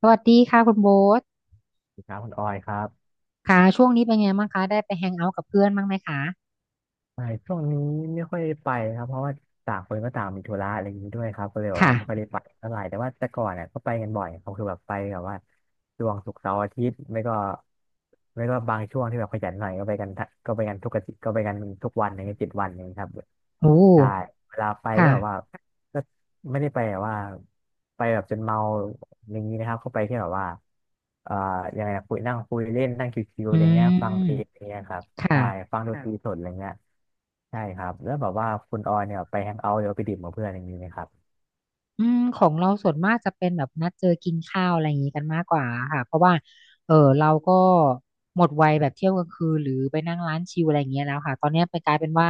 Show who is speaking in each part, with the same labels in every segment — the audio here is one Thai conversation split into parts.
Speaker 1: สวัสดีค่ะคุณโบ๊ท
Speaker 2: สวัสดีครับคุณออยครับ
Speaker 1: ค่ะช่วงนี้เป็นไงบ้างคะได้ไปแฮงเอาท์กับเพื่อนบ้างไหมคะ
Speaker 2: ไม่ช่วงนี้ไม่ค่อยได้ไปครับเพราะว่าต่างคนก็ต่างมีธุระอะไรอย่างนี้ด้วยครับก็เลยแบบว่าไม่ค่อย
Speaker 1: ค่ะ
Speaker 2: ได้ไปเท่าไหร่แต่ว่าแต่ก่อนเนี่ยก็ไปกันบ่อยเขาคือแบบไปแบบว่าช่วงศุกร์เสาร์อาทิตย์ไม่ก็ไม่ก็บางช่วงที่แบบขยันหน่อยก็ไปกันทั้งก็ไปกันทุกอาทิตย์ก็ไปกันทุกวันอย่างเงี้ยเจ็ดวันอย่างเงี้ยครับ
Speaker 1: โอ้
Speaker 2: ใช่เวลาไปก็แบบว่า
Speaker 1: ค่ะ
Speaker 2: ก็ไม่ได้ไปแบบว่าไปแบบจนเมาอย่างนี้นะครับเข้าไปที่แบบว่าเอ่อยังไงนะคุยนั่งคุยเล่นนั่งชิวๆ
Speaker 1: อื
Speaker 2: อะไรเงี้ยฟังเพลงอะไร
Speaker 1: ม
Speaker 2: เงี้ยครับ ใช่
Speaker 1: ค่ะ
Speaker 2: ฟังดคนตรัรีบสดอะไรเงี้ยใช่ครับแล้วแบบว่าคุณออยเนี่ยไปแฮงเอาท์หรือว่าไปดื่มกับเพื่อนอย่างนี้ไหมครับ
Speaker 1: อืมของเราส่วนมากจะเป็นแบบนัดเจอกินข้าวอะไรอย่างนี้กันมากกว่าค่ะเพราะว่าเออเราก็หมดวัยแบบเที่ยวกลางคืนหรือไปนั่งร้านชิลอะไรอย่างเงี้ยแล้วค่ะตอนเนี้ยไปกลายเป็นว่า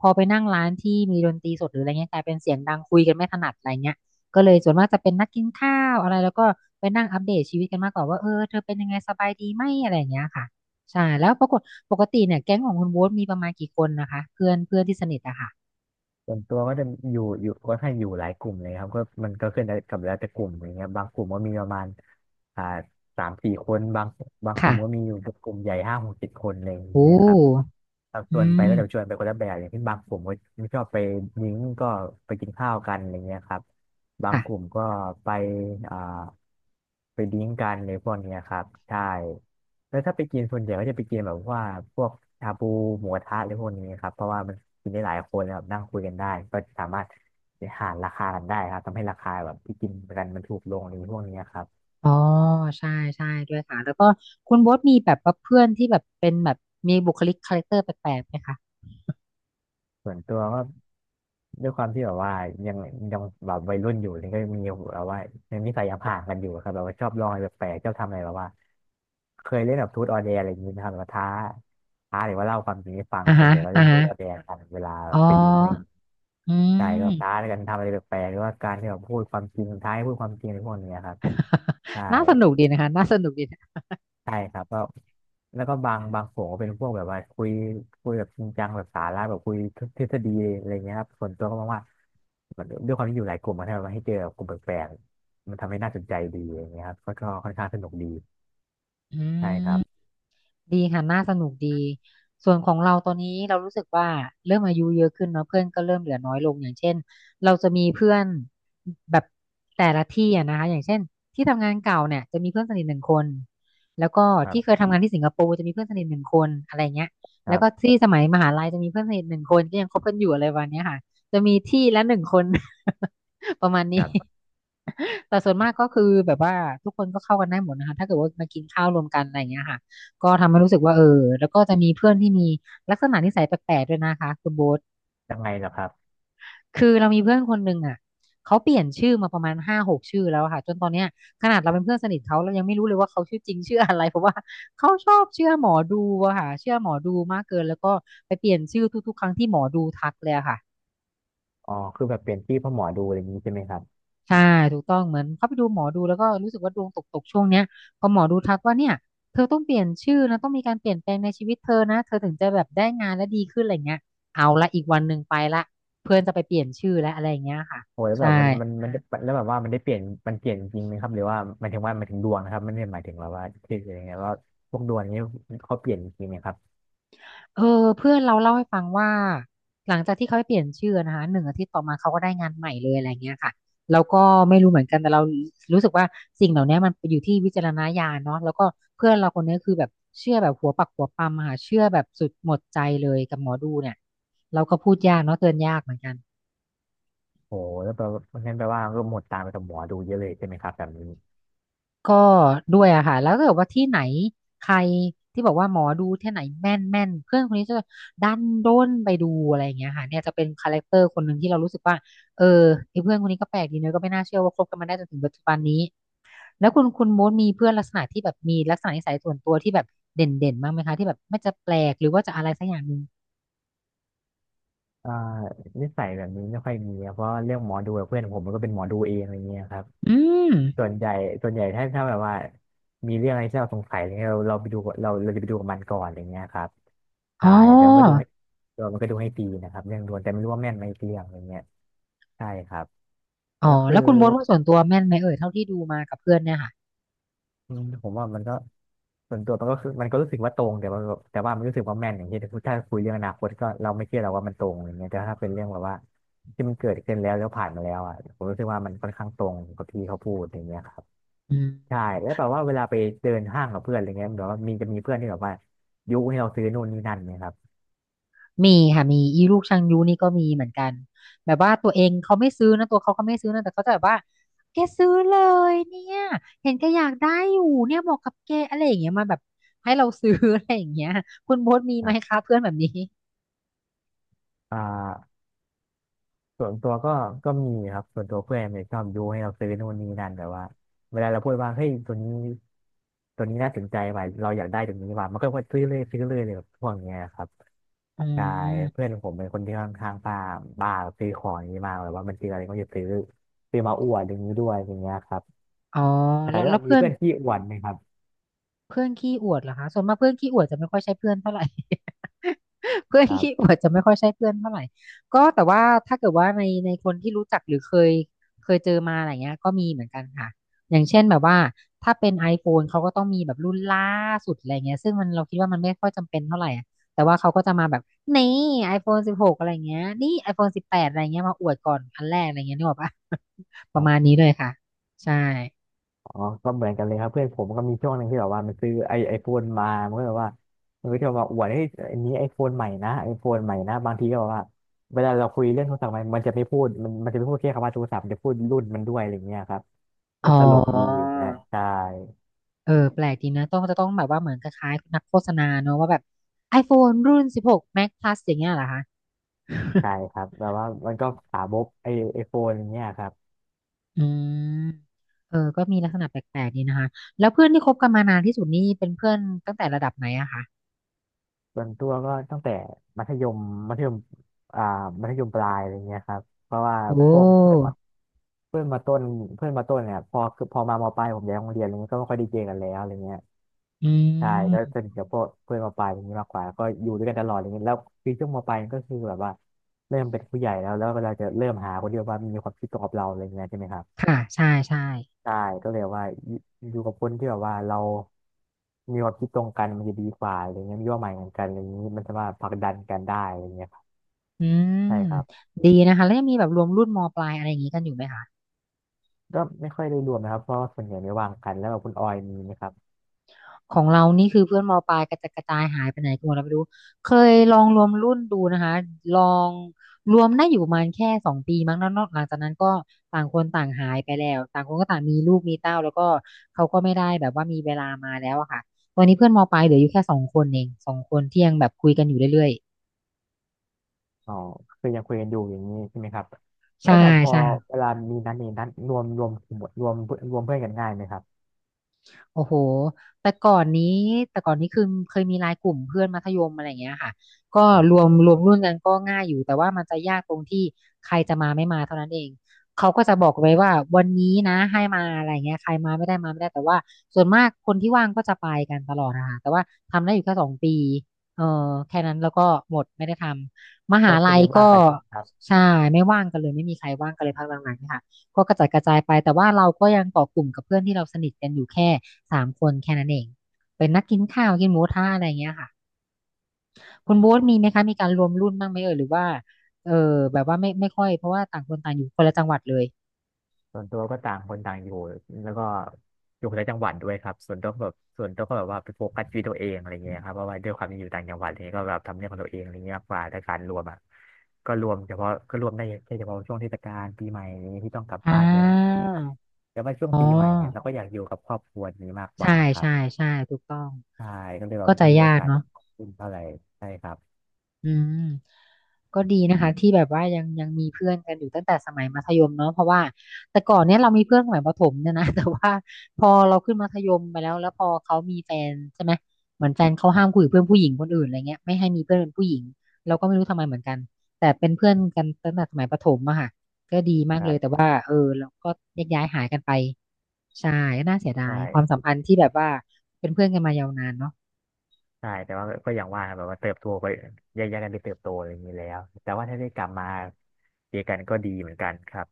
Speaker 1: พอไปนั่งร้านที่มีดนตรีสดหรืออะไรเงี้ยกลายเป็นเสียงดังคุยกันไม่ถนัดอะไรเงี้ยก็เลยส่วนมากจะเป็นนัดกินข้าวอะไรแล้วก็ไปนั่งอัปเดตชีวิตกันมากกว่าว่าเออเธอเป็นยังไงสบายดีไหมอะไรอย่างเงี้ยค่ะใช่แล้วปรากฏปกติเนี่ยแก๊งของคุณโบ๊ทมีประมาณกี่คนนะคะเพื่อนเพื่อนที่สนิทอะค่ะ
Speaker 2: ส่วนตัวก็จะอยู่ก็ให้างอยู่หลายกลุ่มเลยครับก็มันก็ขึ้นได้กับแล้วแต่กลุ่มอย่างเงี้ยบางกลุ่มก็มีประมาณอ่าสามสี่คนบางก
Speaker 1: ค่ะ
Speaker 2: ลุ่มก็มีอยู่กลุ่มใหญ่ห้าหกเจ็ดคนอะไรอย่าง
Speaker 1: โอ้
Speaker 2: เงี้ยครับแรั
Speaker 1: อื
Speaker 2: ส่วนไป
Speaker 1: ม
Speaker 2: ก็จะชวนไปคนละแบบอย่างที่บางกลุ่มก็ไม่ชอบไปนิ้งก็ไปกินข้าวกันอะไรเงี้ยครับบาง
Speaker 1: ค่ะ
Speaker 2: กลุ่มก็ไปอ่าไปดิ้งกันในพวกเนี้ยครับใช่ แล้วถ้าไปกินส่วนใหญ่ก็จะไปกินแบบว่าพวกชาบูหมูกระทะหรือพวกนี้ครับเพราะว่ามันกินได้หลายคนนะครับนั่งคุยกันได้ก็สามารถหารราคากันได้ครับทำให้ราคาแบบที่กินกันมันถูกลงหรือพวกนี้ครับ
Speaker 1: อ๋อใช่ใช่ด้วยค่ะแล้วก็คุณโบ๊ทมีแบบว่าเพื่อนที่แบบเป็นแบบมีบุคลิกคาแรคเตอร์แปลกๆไหมคะ
Speaker 2: ส่วนตัวก็ด้วยความที่แบบว่ายังยังแบบวัยรุ่นอยู่นี่ก็มีแบบว่ายังนิสัยยังห่างกันอยู่ครับแบบว่าชอบลองอะไรแปลกๆชอบทำอะไรแบบว่าเคยเล่นแบบทูตออเดร์อะไรอย่างนี้นะครับแบบว่าท้าหรือว่าเล่าความจริงให้ฟัง
Speaker 1: อ่า
Speaker 2: ส่วน
Speaker 1: ฮะ
Speaker 2: ใหญ่ก็เล่
Speaker 1: อ่า
Speaker 2: นทู
Speaker 1: ฮะ
Speaker 2: ตออเดร์กันเวลา
Speaker 1: อ๋อ
Speaker 2: ไปดิ้งอะไร
Speaker 1: อื
Speaker 2: ใช่แบ
Speaker 1: ม
Speaker 2: บท้าในการทำอะไรแปลกๆหรือว่าการที่แบบพูดความจริงท้ายพูดความจริงในพวกเนี้ยครับใช่
Speaker 1: น่าสนุกดีนะคะน่าสนุกดีนะ
Speaker 2: ใช่ครับก็แล้วก็บางโขก็เป็นพวกแบบว่าคุยแบบจริงจังแบบสาระแบบคุยทฤษฎีอะไรเงี้ยครับส่วนตัวก็มองว่าด้วยความที่อยู่หลายกลุ่มมันทำให้เจอกลุ่มแปลกๆมันทำให้น่าสนใจดีอย่างเงี้ยครับก็ค่อนข้างสนุกดี
Speaker 1: อื
Speaker 2: ใช่ครับ
Speaker 1: ม ดีค่ะน่าสนุกดีส่วนของเราตอนนี้เรารู้สึกว่าเริ่มอายุเยอะขึ้นเนาะเพื่อนก็เริ่มเหลือน้อยลงอย่างเช่นเราจะมีเพื่อนแบบแต่ละที่อะนะคะอย่างเช่นที่ทำงานเก่าเนี่ยจะมีเพื่อนสนิทหนึ่งคนแล้วก็
Speaker 2: ค
Speaker 1: ที่เค
Speaker 2: รับ
Speaker 1: ยทำงานที่สิงคโปร์จะมีเพื่อนสนิทหนึ่งคนอะไรเงี้ย
Speaker 2: ค
Speaker 1: แล้
Speaker 2: รั
Speaker 1: วก็
Speaker 2: บ
Speaker 1: ที่สมัยมหาลัยจะมีเพื่อนสนิทหนึ่งคนก็ยังคบกันอยู่อะไรวันเนี้ยค่ะจะมีที่ละหนึ่งคน ประมาณ
Speaker 2: ค
Speaker 1: นี้
Speaker 2: รับ
Speaker 1: แต่ส่วนมากก็คือแบบว่าทุกคนก็เข้ากันได้หมดนะคะถ้าเกิดว่ามากินข้าวรวมกันอะไรอย่างเงี้ยค่ะ ก็ทำให้รู้สึกว่าเออแล้วก็จะมีเพื่อนที่มีลักษณะนิสัยแปลกๆด้วยนะคะคุณโบ๊ท
Speaker 2: ยังไงเหรอครับ
Speaker 1: คือเรามีเพื่อนคนหนึ่งอ่ะเขาเปลี่ยนชื่อมาประมาณห้าหกชื่อแล้วอะค่ะจนตอนเนี้ยขนาดเราเป็นเพื่อนสนิทเขาเรายังไม่รู้เลยว่าเขาชื่อจริงชื่ออะไร เพราะว่าเขาชอบเชื่อหมอดูอะค่ะเชื่อหมอดูมากเกินแล้วก็ไปเปลี่ยนชื่อทุกๆครั้งที่หมอดูทักเลยอะค่ะ
Speaker 2: อ๋อคือแบบเปลี่ยนที่เพ่อหมอดูอะไรอย่างนี้ใช่ไหมครับ
Speaker 1: ใช่ถูกต้องเหมือนเขาไปดูหมอดูแล้วก็รู้สึกว่าดวงตกช่วงเนี้ยพอหมอดูทักว่าเนี่ยเธอต้องเปลี่ยนชื่อนะต้องมีการเปลี่ยนแปลงในชีวิตเธอนะเธอถึงจะแบบได้งานและดีขึ้นอะไรเงี้ยเอาละอีกวันหนึ่งไปละเพื่อนจะไปเปลี่ยนชื่อและอะไรอย่างเงี้ยค่ะ
Speaker 2: โอ้ยแบ
Speaker 1: ใช่
Speaker 2: บมันแล้วแบบว่ามันได้เปลี่ยนมันเปลี่ยนจริงไหมครับหรือว่าหมายถึงว่าหมายถึงดวงนะครับไม่ได้หมายถึงแบบว่าชื่ออะไรเงี้ยว่าพวกดวงนี้เขาเปลี่ยนจริงไหมครับ
Speaker 1: เออเพื่อนเราเล่าให้ฟังว่าหลังจากที่เขาไปเปลี่ยนชื่อนะคะหนึ่งอาทิตย์ต่อมาเขาก็ได้งานใหม่เลยอะไรเงี้ยค่ะแล้วก็ไม่รู้เหมือนกันแต่เรารู้สึกว่าสิ่งเหล่านี้มันอยู่ที่วิจารณญาณเนาะแล้วก็เพื่อนเราคนนี้คือแบบเชื่อแบบหัวปักหัวปำอะค่ะเชื่อแบบสุดหมดใจเลยกับหมอดูเนี่ยเราก็พูดยากเนาะเตือนยากเหมือนกัน
Speaker 2: โอ้แล้วแปลว่างั้นแปลว่าก็หมดตามไปกับหมอดูเยอะเลยใช่ไหมครับแบบนี้
Speaker 1: ก็ด้วยอะค่ะแล้วก็แบบว่าที่ไหนใครที่บอกว่าหมอดูที่ไหนแม่นแม่นเพื่อนคนนี้จะดันด้นไปดูอะไรอย่างเงี้ยค่ะเนี่ยจะเป็นคาแรคเตอร์คนหนึ่งที่เรารู้สึกว่าเออไอ้เพื่อนคนนี้ก็แปลกดีเนอะก็ไม่น่าเชื่อว่าคบกันมาได้จนถึงปัจจุบันนี้แล้วคุณโมดมีเพื่อนลักษณะที่แบบมีลักษณะนิสัยส่วนตัวที่แบบเด่นเด่นมากไหมคะที่แบบไม่จะแปลกหรือว่าจะอะไรสักอย่างหนึ่ง
Speaker 2: อ่านิสัยแบบนี้ไม่ค่อยมีครับเพราะเรื่องหมอดูกับเพื่อนผมมันก็เป็นหมอดูเองอะไรเงี้ยครับ
Speaker 1: อืม
Speaker 2: ส่วนใหญ่ส่วนใหญ่ถ้าแบบว่ามีเรื่องอะไรที่เราสงสัยอะไรเงี้ยเราไปดูกับเราจะไปดูกับมันก่อนอะไรเงี้ยครับ
Speaker 1: อ๋
Speaker 2: ใช่แล้วมันก็ดู
Speaker 1: อ
Speaker 2: ให้เรามันก็ดูให้ฟรีนะครับเรื่องดวงแต่ไม่รู้ว่าแม่นไหมอีกเรื่องอะไรเงี้ยใช่ครับ
Speaker 1: อ๋อ
Speaker 2: แล้วคือ
Speaker 1: แล้วคุณโมดว่าส่วนตัวแม่นไหมเอ่ยเท่าที่ดูมากับเพื่อนเนี่ยค่ะ
Speaker 2: อืมผมว่ามันก็ส่วนตัวมันก็คือมันก็รู้สึกว่าตรงแต่ว่ามันรู้สึกว่าแม่นอย่างที่ถ้าคุยเรื่องอนาคตก็เราไม่เชื่อเราว่ามันตรงอย่างเงี้ยแต่ถ้าเป็นเรื่องแบบว่าที่มันเกิดขึ้นแล้วผ่านมาแล้วอ่ะผมรู้สึกว่ามันค่อนข้างตรงกับที่เขาพูดอย่างเงี้ยครับ
Speaker 1: อืม
Speaker 2: ใช่แล้วแบบว่าเวลาไปเดินห้างกับเพื่อนอะไรเงี้ยแบบว่าจะมีเพื่อนที่แบบว่ายุให้เราซื้อนู่นนี่นั่นเนี่ยครับ
Speaker 1: มีค่ะมีอีลูกชังยูนี่ก็มีเหมือนกันแบบว่าตัวเองเขาไม่ซื้อนะตัวเขาไม่ซื้อนะแต่เขาจะแบบว่าแกซื้อเลยเนี่ยเห็นแกอยากได้อยู่เนี่ยเหมาะกับแกอะไรอย่างเงี้ยมาแบบให้เราซื้อ อะไรอย่างเงี้ยคุณโบ๊ทมี
Speaker 2: ค
Speaker 1: ไหม
Speaker 2: รับ
Speaker 1: คะเพื่อนแบบนี้
Speaker 2: อ่า ส่วนตัวก็มีครับส่วนตัวเพื่อนเนี่ยชอบยุให้เราซื้อนู่นนี่นั่นแบบว่าเวลาเราพูดว่าเฮ้ยตัวนี้น่าสนใจว่ะเราอยากได้ตัวนี้ว่ะมันก็ว่าซื้อเลยซื้อเลยเลยแบบพวกเนี้ยครับ
Speaker 1: อื
Speaker 2: ใช่
Speaker 1: ม
Speaker 2: เพื่อนผมเป็นคนที่ค่อนข้างบ้าบ้าซื้อของอย่างนี้มากแบบว่ามันซื้ออะไรก็จะซื้อมาอวดอย่างนี้ด้วยอย่างเงี้ยครับ
Speaker 1: อ๋อ
Speaker 2: ใช่
Speaker 1: แล้ว
Speaker 2: แล้ว
Speaker 1: แล้
Speaker 2: แบ
Speaker 1: ว
Speaker 2: บมี
Speaker 1: เพื่อน
Speaker 2: เพื่อนที่อวดไหมครับ
Speaker 1: เพื่อนขี้อวดเหรอคะส่วนมากเพื่อนขี้อวดจะไม่ค่อยใช่เพื่อนเท่าไหร่ เพื่อน
Speaker 2: ครั
Speaker 1: ขี้อ
Speaker 2: บ
Speaker 1: วดจะไม่ค่อยใช่เพื่อนเท่าไหร่ก็แต่ว่าถ้าเกิดว่าในคนที่รู้จักหรือเคยเจอมาอะไรเงี้ยก็มีเหมือนกันค่ะอย่างเช่นแบบว่าถ้าเป็น iPhone เขาก็ต้องมีแบบรุ่นล่าสุดอะไรเงี้ยซึ่งมันเราคิดว่ามันไม่ค่อยจำเป็นเท่าไหร่อะแต่ว่าเขาก็จะมาแบบนี่ iPhone สิบหกอะไรเงี้ยนี่ iPhone สิบแปดอะไรเงี้ยมาอวดก่อนอันแรกอะไรเงี้ยนึกออกปะประมาณนี้เลยค่ะใช่
Speaker 2: อ๋อก็เหมือนกันเลยครับเพื่อนผมก็มีช่วงหนึ่งที่แบบว่ามันซื้อไอโฟนมามันก็แบบว่ามันก็จะมาอวดให้ยอันนี้ไอโฟนใหม่นะไอโฟนใหม่นะบางทีก็แบบว่าเวลาเราคุยเรื่องโทรศัพท์มันจะไม่พูดมันจะไม่พูดแค่คำว่าโทรศัพท์มันจะพูดรุ่นมันด้วยอะไรอย่างเงี้ยครับก็
Speaker 1: อ๋อ
Speaker 2: ตลกดีอย่างเงี้ยใช่
Speaker 1: เออแปลกดีนะต้องจะต้องแบบว่าเหมือนคล้ายๆนักโฆษณาเนอะว่าแบบ iPhone รุ่น16 Max Plus อย่างเงี้ยเหรอคะ
Speaker 2: ใช่ครับแบบว่ามันก็สาบกไอโฟนอย่างเงี้ยครับ
Speaker 1: อืมเออก็มีลักษณะแปลกๆดีนะคะแล้วเพื่อนที่คบกันมานานที่สุดนี่เป็นเพื่อนตั้งแต่ระดับไหนอะคะ
Speaker 2: ส่วนตัวก็ตั้งแต่มัธยมมัธยมอ่ามัธยมปลายอะไรเงี้ยครับเพราะว่า
Speaker 1: โอ
Speaker 2: พวกเพื่อน
Speaker 1: ้
Speaker 2: เพื่อนมาต้นเพื่อนมาต้นเนี่ยพอคือพอมามปลายผมย้ายโรงเรียนอะไรเงี้ยก็ไม่ค่อยไดีเจอกันแล้วอะไรเงี้ย
Speaker 1: อื
Speaker 2: ใช่ก็สนิ
Speaker 1: ม
Speaker 2: ทกับพวกเพื่อนมปลายอย่างนี้มากกว่าก็อยู่ด้วยกันตลอดอะไรเงี้ยแล้วคือช่วงมปลายก็คือแบบว่าเริ่มเป็นผู้ใหญ่แล้วแล้วเวลาจะเริ่มหาคนที่แบบว่ามีความคิดตรงกับเราอะไรเงี้ยใช่ไหมครับ
Speaker 1: ค่ะใช่ใช่
Speaker 2: ใช่ก็เลยว่าอยู่กับคนที่แบบว่าเรามีความคิดตรงกันมันจะดีกว่าอะไรเงี้ยมีเป้าหมายเหมือนกันอะไรเงงี้ยมันจะมาผลักดันกันได้อะไรเงี้ยครับ
Speaker 1: อืม
Speaker 2: ใช่ครับ
Speaker 1: ดีนะคะแล้วยังมีแบบรวมรุ่นมปลายอะไรอย่างงี้กันอยู่ไหมคะ
Speaker 2: ก็ไม่ค่อยได้รวมนะครับเพราะว่าส่วนใหญ่ไม่ว่างกันแล้วแบบคุณออยมีไหมครับ
Speaker 1: ของเรานี่คือเพื่อนมปลายกระจัดกระจายหายไปไหนกันหมดแล้ไม่รู้เคยลองรวมรุ่นดูนะคะลองรวมได้อยู่ประมาณแค่สองปีมั้งแล้วนอกหลังจากนั้นก็ต่างคนต่างหายไปแล้วต่างคนก็ต่างมีลูกมีเต้าแล้วก็เขาก็ไม่ได้แบบว่ามีเวลามาแล้วอะค่ะวันนี้เพื่อนมปลายเหลืออยู่แค่สองคนเองสองคนที่ยังแบบคุยกันอยู่เรื่อย
Speaker 2: อ๋อคือยังคุยกันอยู่อย่างนี้ใช่ไหมครับ
Speaker 1: ๆ
Speaker 2: แล้
Speaker 1: ใช่
Speaker 2: วแบบพอ
Speaker 1: ใช่
Speaker 2: เวลามีนัดนี้นัดรวมรวมกลุ่มรวมนรวมเพื่อนกันง่ายไหมครับ
Speaker 1: โอ้โหแต่ก่อนนี้แต่ก่อนนี้คือเคยมีไลน์กลุ่มเพื่อนมัธยมอะไรอย่างเงี้ยค่ะก็
Speaker 2: ครั
Speaker 1: รว
Speaker 2: บ
Speaker 1: มรวมรุ่นกันก็ง่ายอยู่แต่ว่ามันจะยากตรงที่ใครจะมาไม่มาเท่านั้นเองเขาก็จะบอกไว้ว่าวันนี้นะให้มาอะไรเงี้ยใครมาไม่ได้มาไม่ได้แต่ว่าส่วนมากคนที่ว่างก็จะไปกันตลอดนะคะแต่ว่าทำได้อยู่แค่สองปีเออแค่นั้นแล้วก็หมดไม่ได้ทำมหา
Speaker 2: ก็คื
Speaker 1: ลั
Speaker 2: อ
Speaker 1: ย
Speaker 2: มีบ้าง
Speaker 1: ก็
Speaker 2: คกันใช่ไหมครับ
Speaker 1: ใช่ไม่ว่างกันเลยไม่มีใครว่างกันเลยพักหลังๆเนี่ยค่ะ ก็กระจัดกระจายไปแต่ว่าเราก็ยังเกาะกลุ่มกับเพื่อนที่เราสนิทกันอยู่แค่สามคนแค่นั้นเองเป็นนัดกินข้าวกินหมูกระทะอะไรอย่างเงี้ยค่ะคุณโบ๊ทมีไหมคะมีการรวมรุ่นบ้างไหมเอ่ยหรือว่าเออแบบว่าไม่ค่อยเพราะว่าต่างคนต่างอยู่คนละจังหวัดเลย
Speaker 2: ส่วนตัวก็ต่างคนต่างอยู่แล้วก็อยู่คนละจังหวัดด้วยครับส่วนตัวก็แบบว่าไปโฟกัสชีวิตตัวเองอะไรเงี้ยครับเพราะว่าด้วยความที่อยู่ต่างจังหวัดอะไรเงี้ยก็แบบทำเรื่องของตัวเองอะไรเงี้ยมากกว่าแต่การรวมอ่ะก็รวมได้แค่เฉพาะช่วงเทศกาลปีใหม่อะไรเงี้ยที่ต้องกลับ
Speaker 1: อ่
Speaker 2: บ้านเนี่ยครับ
Speaker 1: า
Speaker 2: แต่ว่าช่วง
Speaker 1: อ๋อ
Speaker 2: ปีใหม่เนี่ยเราก็อยากอยู่กับครอบครัวนี้มากก
Speaker 1: ใช่
Speaker 2: ว่าครับ
Speaker 1: ใช่ใช่ถูกต้อง
Speaker 2: ใช่ก็เลยแบ
Speaker 1: ก็
Speaker 2: บ
Speaker 1: จะ
Speaker 2: ไม่มี
Speaker 1: ยา
Speaker 2: โอ
Speaker 1: ก
Speaker 2: กาส
Speaker 1: เนาะ
Speaker 2: ขึ้นเท่าไหร่ใช่ครับ
Speaker 1: อืมก็ดีนะคะที่แบบว่ายังมีเพื่อนกันอยู่ตั้งแต่สมัยมัธยมเนาะเพราะว่าแต่ก่อนเนี้ยเรามีเพื่อนสมัยประถมเนี่ยนะ แต่ว่าพอเราขึ้นมัธยมไปแล้วแล้วพอเขามีแฟนใช่ไหมเหมือนแฟนเขา
Speaker 2: ครั
Speaker 1: ห้ามคุย
Speaker 2: บ
Speaker 1: กับเพื่อนผู้หญิงคนอื่นอะไรเงี้ยไม่ให้มีเพื่อนเป็นผู้หญิงเราก็ไม่รู้ทำไมเหมือนกันแต่เป็นเพื่อนกันตั้งแต่สมัยประถมอะค่ะ
Speaker 2: ค
Speaker 1: เลยแต่
Speaker 2: รับ
Speaker 1: ว่าเออเราก็แยกย้ายหายกันไปใช่ก็น่าเสียดายความ
Speaker 2: ใช่
Speaker 1: สัมพันธ์ที่แบบว่าเป็นเพื่อนกันมายาวนานเนาะ
Speaker 2: ใช่แต่ว่าก็อย่างว่าครับแบบว่าเติบโตไปแยกย้ายกันไปเติบโตอะไรอย่างนี้แล้ว แต่ว่าถ้าได้กลับมาเจอกันก็ดีเหมือนกันครับ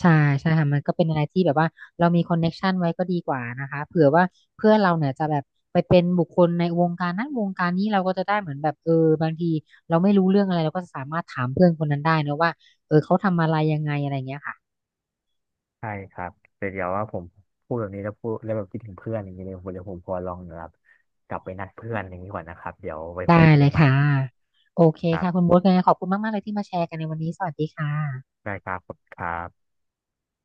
Speaker 1: ใช่ใช่ค่ะมันก็เป็นอะไรที่แบบว่าเรามีคอนเน็กชันไว้ก็ดีกว่านะคะเผื่อว่าเพื่อนเราเนี่ยจะแบบไปเป็นบุคคลในวงการนั้นวงการนี้เราก็จะได้เหมือนแบบเออบางทีเราไม่รู้เรื่องอะไรเราก็สามารถถามเพื่อนคนนั้นได้นะว่าเออเขาทำอะไรยังไงอะไรเงี้ยค่ะ
Speaker 2: ใช่ครับแต่เดี๋ยวว่าผมพูดแบบนี้แล้วพูดแล้วแบบคิดถึงเพื่อนอย่างนี้เลยผมเดี๋ยวผมพอลองแบบกลับไปนัดเพื่อนอย่างนี้ก่อนนะครับเดี๋ยวไว้ค่อ
Speaker 1: ได้
Speaker 2: ยคุย
Speaker 1: เล
Speaker 2: กัน
Speaker 1: ย
Speaker 2: ใหม่
Speaker 1: ค่ะ
Speaker 2: นะ
Speaker 1: โอเค
Speaker 2: ครั
Speaker 1: ค่ะคุ
Speaker 2: บ
Speaker 1: ณโบ๊ทยังไงขอบคุณมากๆเลยที่มาแชร์กันในวันนี้สวัสดีค่ะ
Speaker 2: ได้ครับขอบคุณครับ